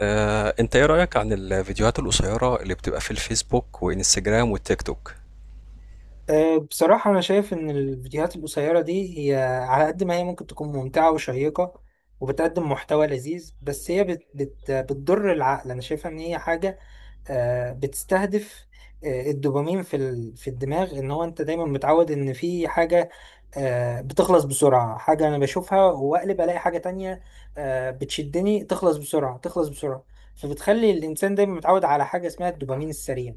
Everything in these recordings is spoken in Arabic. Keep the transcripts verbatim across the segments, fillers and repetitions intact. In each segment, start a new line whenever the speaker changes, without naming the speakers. آه، انت ايه رأيك عن الفيديوهات القصيرة اللي بتبقى في الفيسبوك وانستجرام والتيك توك؟
أه، بصراحة أنا شايف إن الفيديوهات القصيرة دي هي على قد ما هي ممكن تكون ممتعة وشيقة وبتقدم محتوى لذيذ بس هي بت بت بتضر العقل. أنا شايفها إن هي حاجة آه، بتستهدف آه، الدوبامين في ال- في الدماغ. ان هو انت دايما متعود ان في حاجه آه، بتخلص بسرعه، حاجه انا بشوفها واقلب الاقي حاجه تانية، آه، بتشدني، تخلص بسرعه تخلص بسرعه فبتخلي الانسان دايما متعود على حاجه اسمها الدوبامين السريع.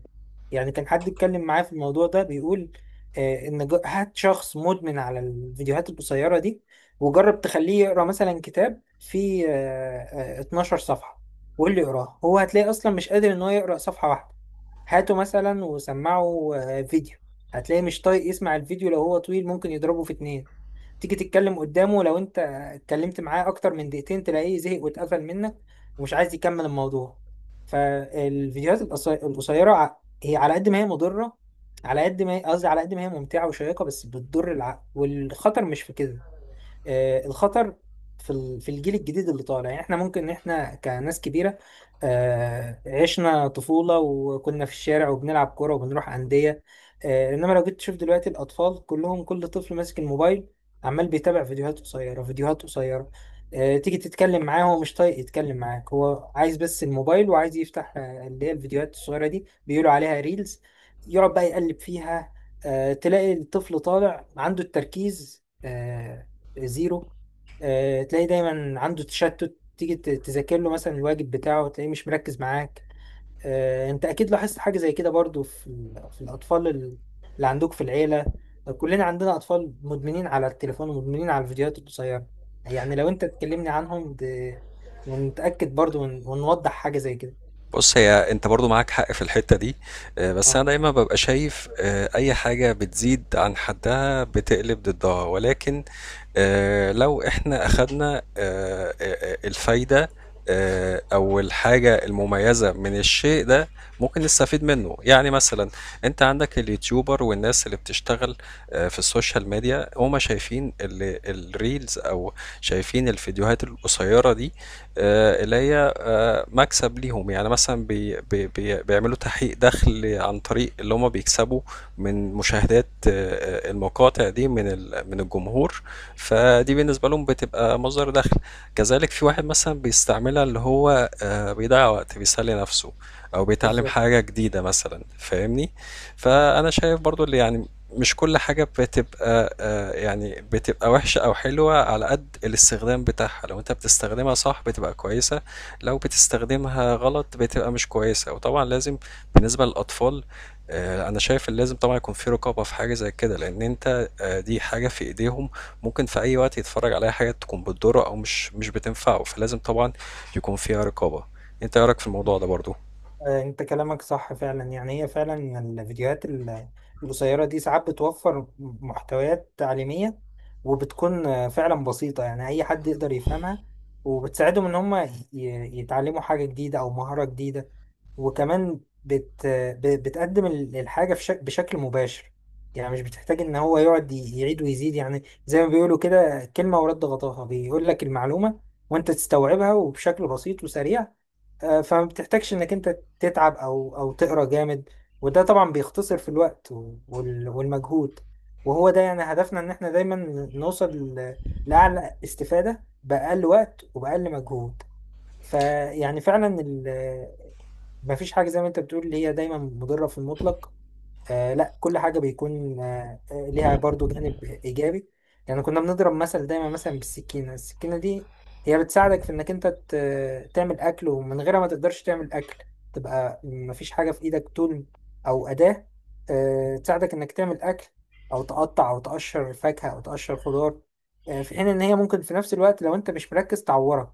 يعني كان حد اتكلم معاه في الموضوع ده بيقول، آه، ان ج- هات شخص مدمن على الفيديوهات القصيره دي، وجرب تخليه يقرا مثلا كتاب فيه آه، آه، اتناشر صفحه، واللي يقراه هو هتلاقي اصلا مش قادر ان هو يقرا صفحه واحده. هاته مثلا وسمعه آه، فيديو، هتلاقيه مش طايق يسمع الفيديو، لو هو طويل ممكن يضربه في اتنين. تيجي تتكلم قدامه، لو انت اتكلمت معاه اكتر من دقيقتين تلاقيه زهق واتقفل منك ومش عايز يكمل الموضوع. فالفيديوهات القصي- القصيره ع- هي على قد ما هي مضره، على قد ما هي قصدي على قد ما هي ممتعه وشيقه بس بتضر العقل. والخطر مش في كده، آه، الخطر في ال- في الجيل الجديد اللي طالع. يعني احنا ممكن ان احنا كناس كبيره آه، عشنا طفوله وكنا في الشارع وبنلعب كوره وبنروح انديه، آه، انما لو جيت تشوف دلوقتي الاطفال كلهم، كل طفل ماسك الموبايل عمال بيتابع فيديوهات قصيره فيديوهات قصيره آه، تيجي تتكلم معاه هو مش طايق يتكلم معاك، هو عايز بس الموبايل وعايز يفتح آه، اللي هي الفيديوهات الصغيره دي، بيقولوا عليها ريلز. يقعد بقى يقلب فيها، آه، تلاقي الطفل طالع عنده التركيز آه، زيرو. آه، تلاقي دايما عنده تشتت، تيجي ت- تذاكر له مثلا الواجب بتاعه تلاقيه مش مركز معاك. آه، انت اكيد لاحظت حاجة زي كده برضو في ال- في الاطفال ال- اللي عندك في العيلة. كلنا عندنا اطفال مدمنين على التليفون ومدمنين على الفيديوهات القصيرة. يعني لو انت تكلمني عنهم د... ونتأكد برضو ون... ونوضح حاجة زي كده.
بص، هي انت برضو معاك حق في الحتة دي. آه، بس انا
اه،
دايما ببقى شايف آه، اي حاجة بتزيد عن حدها بتقلب ضدها، ولكن آآ لو إحنا أخدنا آآ آآ الفايدة آآ أو الحاجة المميزة من الشيء ده، ممكن نستفيد منّه. يعني مثلًا أنت عندك اليوتيوبر والناس اللي بتشتغل آآ في السوشيال ميديا، هم شايفين ال الreels أو شايفين الفيديوهات القصيّرة دي، آآ اللي هي مكسب ليهم. يعني مثلا بي بي بي بيعملوا تحقيق دخل عن طريق اللي هما بيكسبوا من مشاهدات آه، المقاطع دي من ال- من الجمهور. فدي بالنسبة لهم بتبقى مصدر دخل. كذلك في واحد مثلا بيستعملها، اللي هو آه، بيضيع وقت، بيسلي نفسه او بيتعلم
بالظبط.
حاجة جديدة مثلا، فاهمني؟ فانا شايف برضو اللي يعني مش كل حاجة بتبقى آه، يعني بتبقى وحشة أو حلوة، على قد الاستخدام بتاعها. لو أنت بتستخدمها صح بتبقى كويسة، لو بتستخدمها غلط بتبقى مش كويسة. وطبعا لازم بالنسبة للأطفال، آه، أنا شايف إن لازم طبعا يكون في رقابة في حاجة زي كده، لأن أنت آه، دي حاجة في إيديهم ممكن في أي وقت يتفرج عليها، حاجة تكون بتضره أو مش مش بتنفعه. فلازم طبعا يكون فيها رقابة. أنت إيه رأيك في الموضوع ده برضو؟
آه، انت كلامك صح فعلا. يعني هي فعلا الفيديوهات ال- القصيرة دي ساعات بتوفر محتويات تعليمية، وبتكون آه، فعلا بسيطة يعني اي حد يقدر يفهمها، وبتساعدهم ان هم ي- يتعلموا حاجة جديدة او مهارة جديدة. وكمان بت ب- بتقدم ال- الحاجة في شك- بشكل مباشر. يعني مش بتحتاج ان هو يقعد ي- يعيد ويزيد، يعني زي ما بيقولوا كده، كلمة ورد غطاها، بيقول لك المعلومة وانت تستوعبها، وبشكل بسيط وسريع. آه، فما بتحتاجش انك انت تتعب او او تقرا جامد، وده طبعا بيختصر في الوقت و- وال- والمجهود. وهو ده يعني هدفنا، ان احنا دايما نوصل ل- لاعلى استفادة باقل وقت وباقل مجهود. فيعني فعلا ال- مفيش حاجة زي ما انت بتقول اللي هي دايما مضرة في المطلق. آه، لا، كل حاجة بيكون آه آه، ليها برضو جانب إيجابي. يعني كنا بنضرب مثل دايما مثلا بالسكينة. السكينة دي هي بتساعدك في إنك أنت ت- تعمل أكل، ومن غيرها ما تقدرش تعمل أكل، تبقى مفيش حاجة في إيدك طول، أو أداة آه تساعدك إنك تعمل أكل أو تقطع أو تقشر فاكهة أو تقشر خضار. آه، في حين إن هي ممكن في نفس الوقت لو أنت مش مركز تعورك.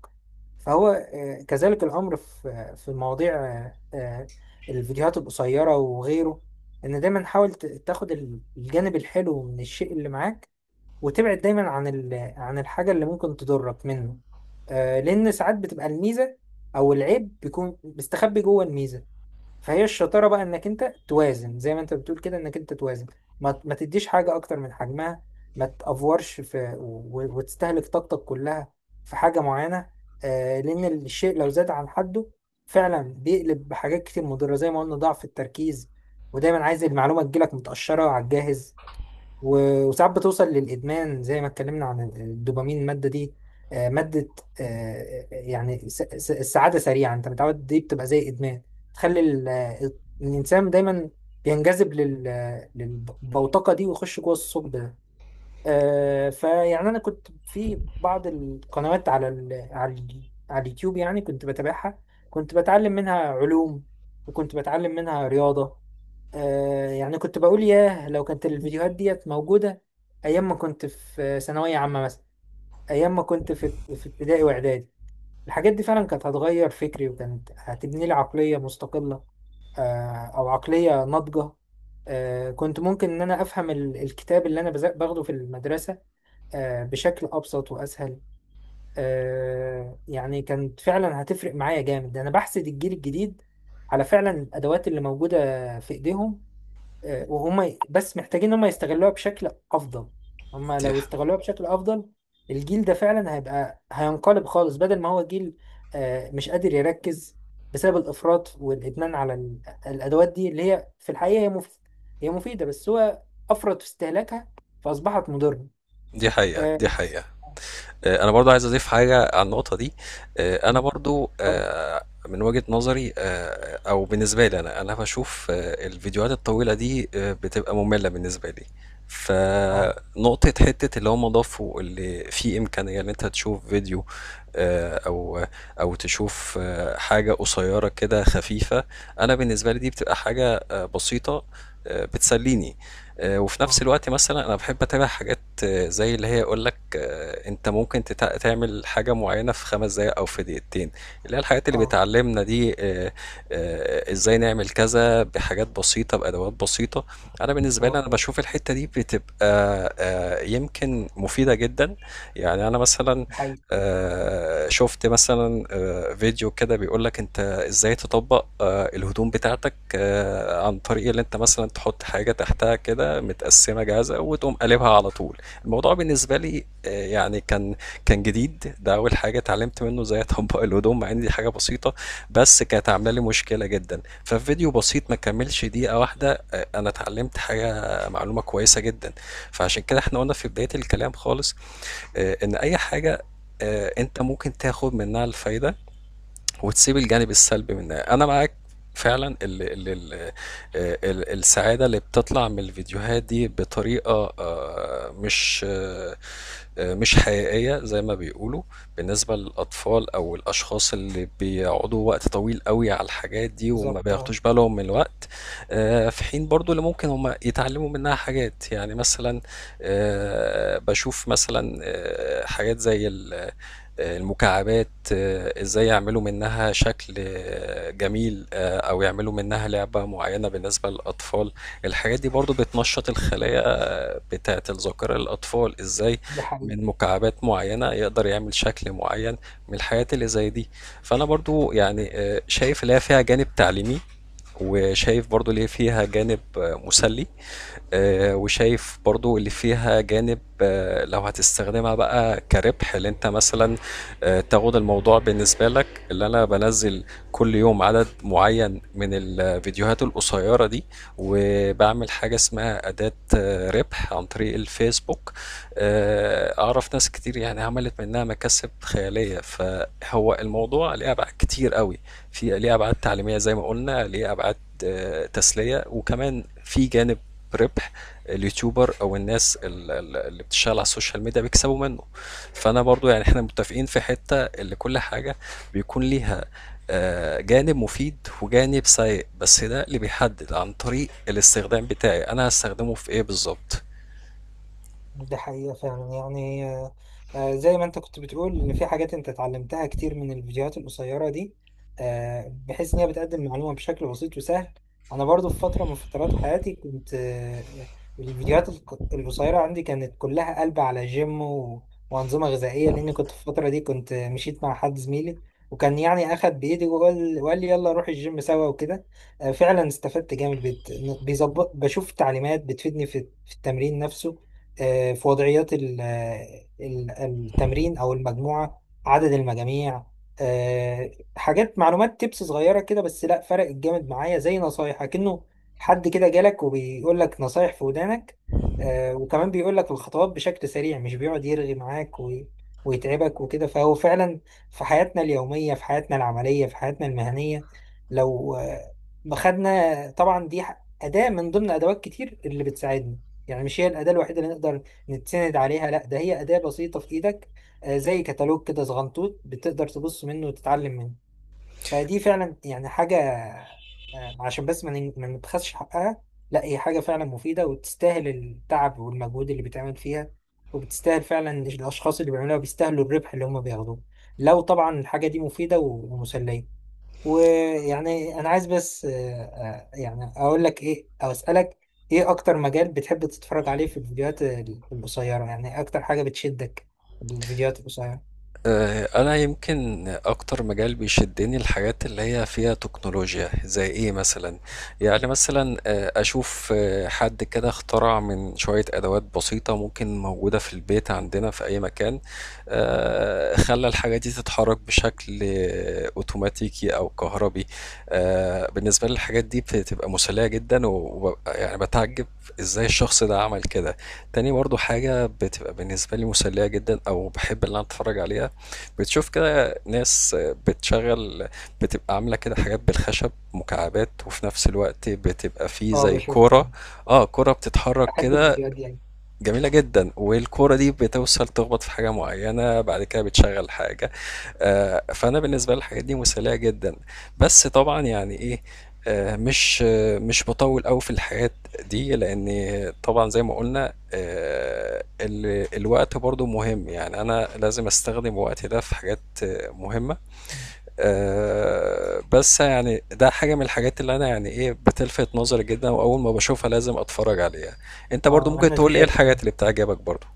فهو آه كذلك الأمر في آه، في مواضيع آه آه، الفيديوهات القصيرة وغيره. ان دايما حاول ت- تاخد ال- الجانب الحلو من الشيء اللي معاك، وتبعد دايما عن ال... عن الحاجة اللي ممكن تضرك منه. آه، لان ساعات بتبقى الميزة او العيب بيكون مستخبي جوه الميزة. فهي الشطاره بقى انك انت توازن، زي ما انت بتقول كده، انك انت توازن، ما, ما تديش حاجه اكتر من حجمها، ما تافورش في و- و- وتستهلك طاقتك كلها في حاجه معينه. آه، لان الشيء لو زاد عن حده فعلا بيقلب بحاجات كتير مضره، زي ما قلنا ضعف التركيز، ودايما عايز المعلومه تجيلك متقشره على الجاهز، و- وساعات بتوصل للإدمان، زي ما اتكلمنا عن الدوبامين. المادة دي آه، مادة آه، يعني س- س- السعادة سريعة، أنت متعود، دي بتبقى زي إدمان تخلي ال- آه، الإنسان دايما بينجذب لل- آه، للبوتقة دي، ويخش جوه الثقب ده. آه، فيعني أنا كنت في بعض القنوات على ال على ال على اليوتيوب، يعني كنت بتابعها، كنت بتعلم منها علوم وكنت بتعلم منها رياضة. آه، يعني كنت بقول ياه، لو كانت الفيديوهات ديت موجودة أيام ما كنت في ثانوية عامة مثلا، أيام ما كنت في في ابتدائي وإعدادي، الحاجات دي فعلا كانت هتغير فكري وكانت هتبني لي عقلية مستقلة آه أو عقلية ناضجة. آه، كنت ممكن إن أنا أفهم ال- الكتاب اللي أنا بز- باخده في المدرسة آه بشكل أبسط وأسهل. آه يعني كانت فعلا هتفرق معايا جامد. ده أنا بحسد الجيل الجديد على فعلا الأدوات اللي موجودة في إيديهم. آه، وهم ي- بس محتاجين ان هم يستغلوها بشكل افضل. هم
دي
لو
ح-
استغلوها بشكل افضل، الجيل ده فعلا هيبقى، هينقلب خالص، بدل ما هو جيل آه، مش قادر يركز بسبب الافراط والادمان على ال- الادوات دي اللي هي في الحقيقه هي مف... هي مفيده بس هو افرط في استهلاكها فاصبحت مضره.
دي حقيقة،
اه،
دي
يس.
حقيقة.
آه،
آه، انا برضو عايز اضيف حاجه على النقطه دي. آه، انا برضو
اتفضل.
آه، من وجهه نظري، آه، او بالنسبه لي، انا انا بشوف آه، الفيديوهات الطويله دي آه، بتبقى ممله بالنسبه لي.
اه،
فنقطة حتة اللي هم ضافوا اللي في إمكانية إن أنت تشوف فيديو، آه، أو أو تشوف آه، حاجة قصيرة كده خفيفة. أنا بالنسبة لي دي بتبقى حاجة آه، بسيطة، آه، بتسليني. آه، وفي نفس
اه،
الوقت مثلا انا بحب اتابع حاجات آه، زي اللي هي يقول لك آه، انت ممكن تتع- تعمل حاجه معينه في خمس دقائق او في دقيقتين، اللي هي الحاجات اللي
اه،
بتعلمنا دي. آه، آه، ازاي نعمل كذا بحاجات بسيطه بادوات بسيطه. انا بالنسبه لي
اه،
انا بشوف الحته دي بتبقى آه، يمكن مفيده جدا. يعني انا مثلا
الحقيقة،
آه، شفت مثلا آه، فيديو كده بيقول لك انت ازاي تطبق آه، الهدوم بتاعتك آه، عن طريق اللي انت مثلا تحط حاجة تحتها كده متقسمة جاهزة وتقوم قلبها على طول. الموضوع بالنسبة لي آه، يعني كان كان جديد، ده اول حاجة اتعلمت منه ازاي اطبق الهدوم، مع ان دي حاجة بسيطة بس كانت عاملة لي مشكلة جدا. ففيديو بسيط ما كملش دقيقة واحدة، آه، انا اتعلمت حاجة، معلومة كويسة جدا. فعشان كده احنا قلنا في بداية الكلام خالص آه، ان اي حاجة آه، انت ممكن تاخد منها الفايدة وتسيب الجانب السلبي منها. انا معاك فعلا. ال ال ال ال السعادة اللي بتطلع من الفيديوهات دي بطريقة آه، مش آه، آه، مش حقيقية زي ما بيقولوا، بالنسبة للأطفال أو الأشخاص اللي بيقعدوا وقت طويل قوي على الحاجات دي وما
بالظبط، اه،
بياخدوش بالهم من الوقت. آه، في حين برضو اللي ممكن هم يتعلموا منها حاجات، يعني مثلا آه، بشوف مثلا آه، حاجات زي ال المكعبات، آه، ازاي يعملوا منها شكل آه، جميل، آه، او يعملوا منها لعبة معينة. بالنسبة للاطفال، الحاجات دي برضو بتنشط الخلايا آه، بتاعة الذاكرة للاطفال، ازاي
دي حقيقة.
من مكعبات معينة يقدر يعمل شكل معين من الحاجات اللي زي دي. فانا برضو يعني آه، شايف ليها فيها جانب تعليمي، وشايف برضو ليه فيها جانب آه، مسلي، آه، وشايف برضو اللي فيها جانب آه، لو هتستخدمها بقى كربح، اللي انت مثلا آه، تاخد الموضوع بالنسبة لك اللي انا بنزل كل يوم عدد معين من الفيديوهات القصيرة دي، وبعمل حاجة اسمها أداة آه، ربح عن طريق الفيسبوك. آه، أعرف ناس كتير يعني عملت منها مكاسب خيالية. فهو الموضوع ليه أبعاد كتير قوي، في ليه أبعاد تعليمية زي ما قلنا، ليه أبعاد آه، تسلية، وكمان في جانب ربح. اليوتيوبر او الناس ال- ال- اللي بتشتغل على السوشيال ميديا بيكسبوا منه. فانا برضو يعني احنا متفقين في حتة اللي كل حاجة بيكون ليها آه، جانب مفيد وجانب سيء، بس ده اللي بيحدد عن طريق الاستخدام بتاعي، انا هستخدمه في ايه بالظبط.
دي حقيقة فعلا. يعني آه، آه، زي ما انت كنت بتقول ان في حاجات انت اتعلمتها كتير من الفيديوهات القصيرة دي، آه، بحيث ان هي بتقدم معلومة بشكل بسيط وسهل. انا برضو في فترة من فترات حياتي كنت آه، الفيديوهات الق- القصيرة عندي كانت كلها قلب على جيم و- وانظمة غذائية، لان كنت في الفترة دي كنت مشيت مع حد زميلي، وكان يعني اخد بايدي وقال وقال لي يلا نروح الجيم سوا وكده. آه، فعلا استفدت جامد بت- بيظبط، بشوف تعليمات بتفيدني في في التمرين نفسه، آه، في وضعيات ال- ال- التمرين، أو المجموعة، عدد المجاميع. آه، حاجات، معلومات تبس صغيرة كده بس لا، فرقت جامد معايا، زي نصايح كأنه حد كده جالك وبيقول لك نصايح في ودانك. آه، وكمان بيقول لك الخطوات بشكل سريع، مش بيقعد يرغي معاك وي- ويتعبك وكده. فهو فعلا في حياتنا اليومية، في حياتنا العملية، في حياتنا المهنية، لو آه، خدنا طبعا دي ح- أداة من ضمن أدوات كتير اللي بتساعدنا، يعني مش هي الأداة الوحيدة اللي نقدر نتسند عليها، لا، ده هي أداة بسيطة في إيدك، آه، زي كتالوج كده صغنطوط، بتقدر تبص منه وتتعلم منه. فدي فعلا يعني حاجة، آه، عشان بس ما ن- ما نبخسش حقها، لا، هي حاجة فعلا مفيدة وتستاهل التعب والمجهود اللي بيتعمل فيها، وبتستاهل فعلا الأشخاص اللي بيعملوها بيستاهلوا الربح اللي هم بياخدوه، لو طبعا الحاجة دي مفيدة ومسلية. ويعني انا عايز بس آه، آه، يعني اقول لك ايه او اسالك، ايه اكتر مجال بتحب تتفرج عليه في الفيديوهات ال- القصيره؟ يعني اكتر حاجه بتشدك في الفيديوهات القصيره؟
آه، انا يمكن اكتر مجال بيشدني الحاجات اللي هي فيها تكنولوجيا. زي ايه مثلا؟ يعني مثلا آه، اشوف آه، حد كده اخترع من شوية ادوات بسيطة ممكن موجودة في البيت عندنا في اي مكان، آه، خلى الحاجة دي تتحرك بشكل آه، اوتوماتيكي او كهربي. آه، بالنسبة لي الحاجات دي بتبقى مسلية جدا، وببقى يعني بتعجب ازاي الشخص ده عمل كده. تاني برضو حاجة بتبقى بالنسبة لي مسلية جدا او بحب ان انا اتفرج عليها، بتشوف كده ناس بتشغل، بتبقى عاملة كده حاجات بالخشب، مكعبات، وفي نفس الوقت بتبقى فيه
اه،
زي
بشوف
كورة،
يعني،
اه كورة بتتحرك
بحب
كده
الفيديوهات دي يعني.
جميلة جدا، والكورة دي بتوصل تخبط في حاجة معينة بعد كده بتشغل حاجة. آآ، فأنا بالنسبة لي الحاجات دي مسلية جدًا، بس طبعًا يعني إيه، آآ، مش آه، مش باطوّل أوي في الحاجات دي، لإن طبعًا زي ما قُلنا، آآ، ال الوقت برضه مهم، يعني أنا لازم أستخدم وقتي ده في حاجات آه، مهمة، آآ، بس يعني ده حاجة من الحاجات اللي أنا يعني إيه، بتلفت نظري جدًا، وأول ما باشوفها لازم أتفرّج عليها. أنت برضه
اه،
ممكن
انا
تقول لي إيه
زيك
الحاجات
فعلا.
اللي بتعجبك برضه؟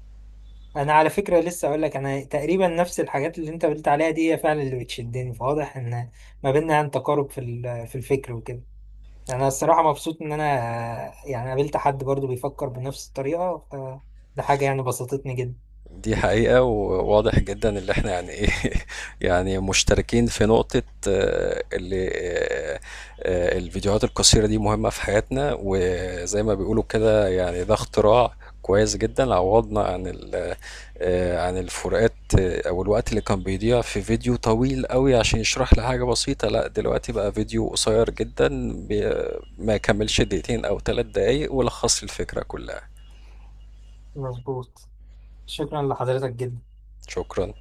انا على فكره لسه اقول لك، انا تقريبا نفس الحاجات اللي انت قلت عليها دي هي فعلا اللي بتشدني، فواضح ان ما بيننا يعني تقارب في ال- في الفكر وكده. يعني انا الصراحه مبسوط ان انا آه، يعني قابلت حد برضو بيفكر بنفس الطريقه، فده حاجه يعني بسطتني جدا.
دي حقيقة، وواضح جدا اللي احنا يعني ايه يعني مشتركين في نقطة. آه، اللي آه، آه، الفيديوهات القصيرة دي مهمة في حياتنا، وزي ما بيقولوا كده يعني ده اختراع كويس جدا، عوضنا عن ال- آه، عن الفروقات آه، او الوقت اللي كان بيضيع في فيديو طويل قوي عشان يشرح لي حاجة بسيطة. لا دلوقتي بقى فيديو قصير جدا بي- ما يكملش دقيقتين او ثلاث دقايق، ولخص لي الفكرة كلها.
مظبوط. شكرا لحضرتك جدا.
شكرا.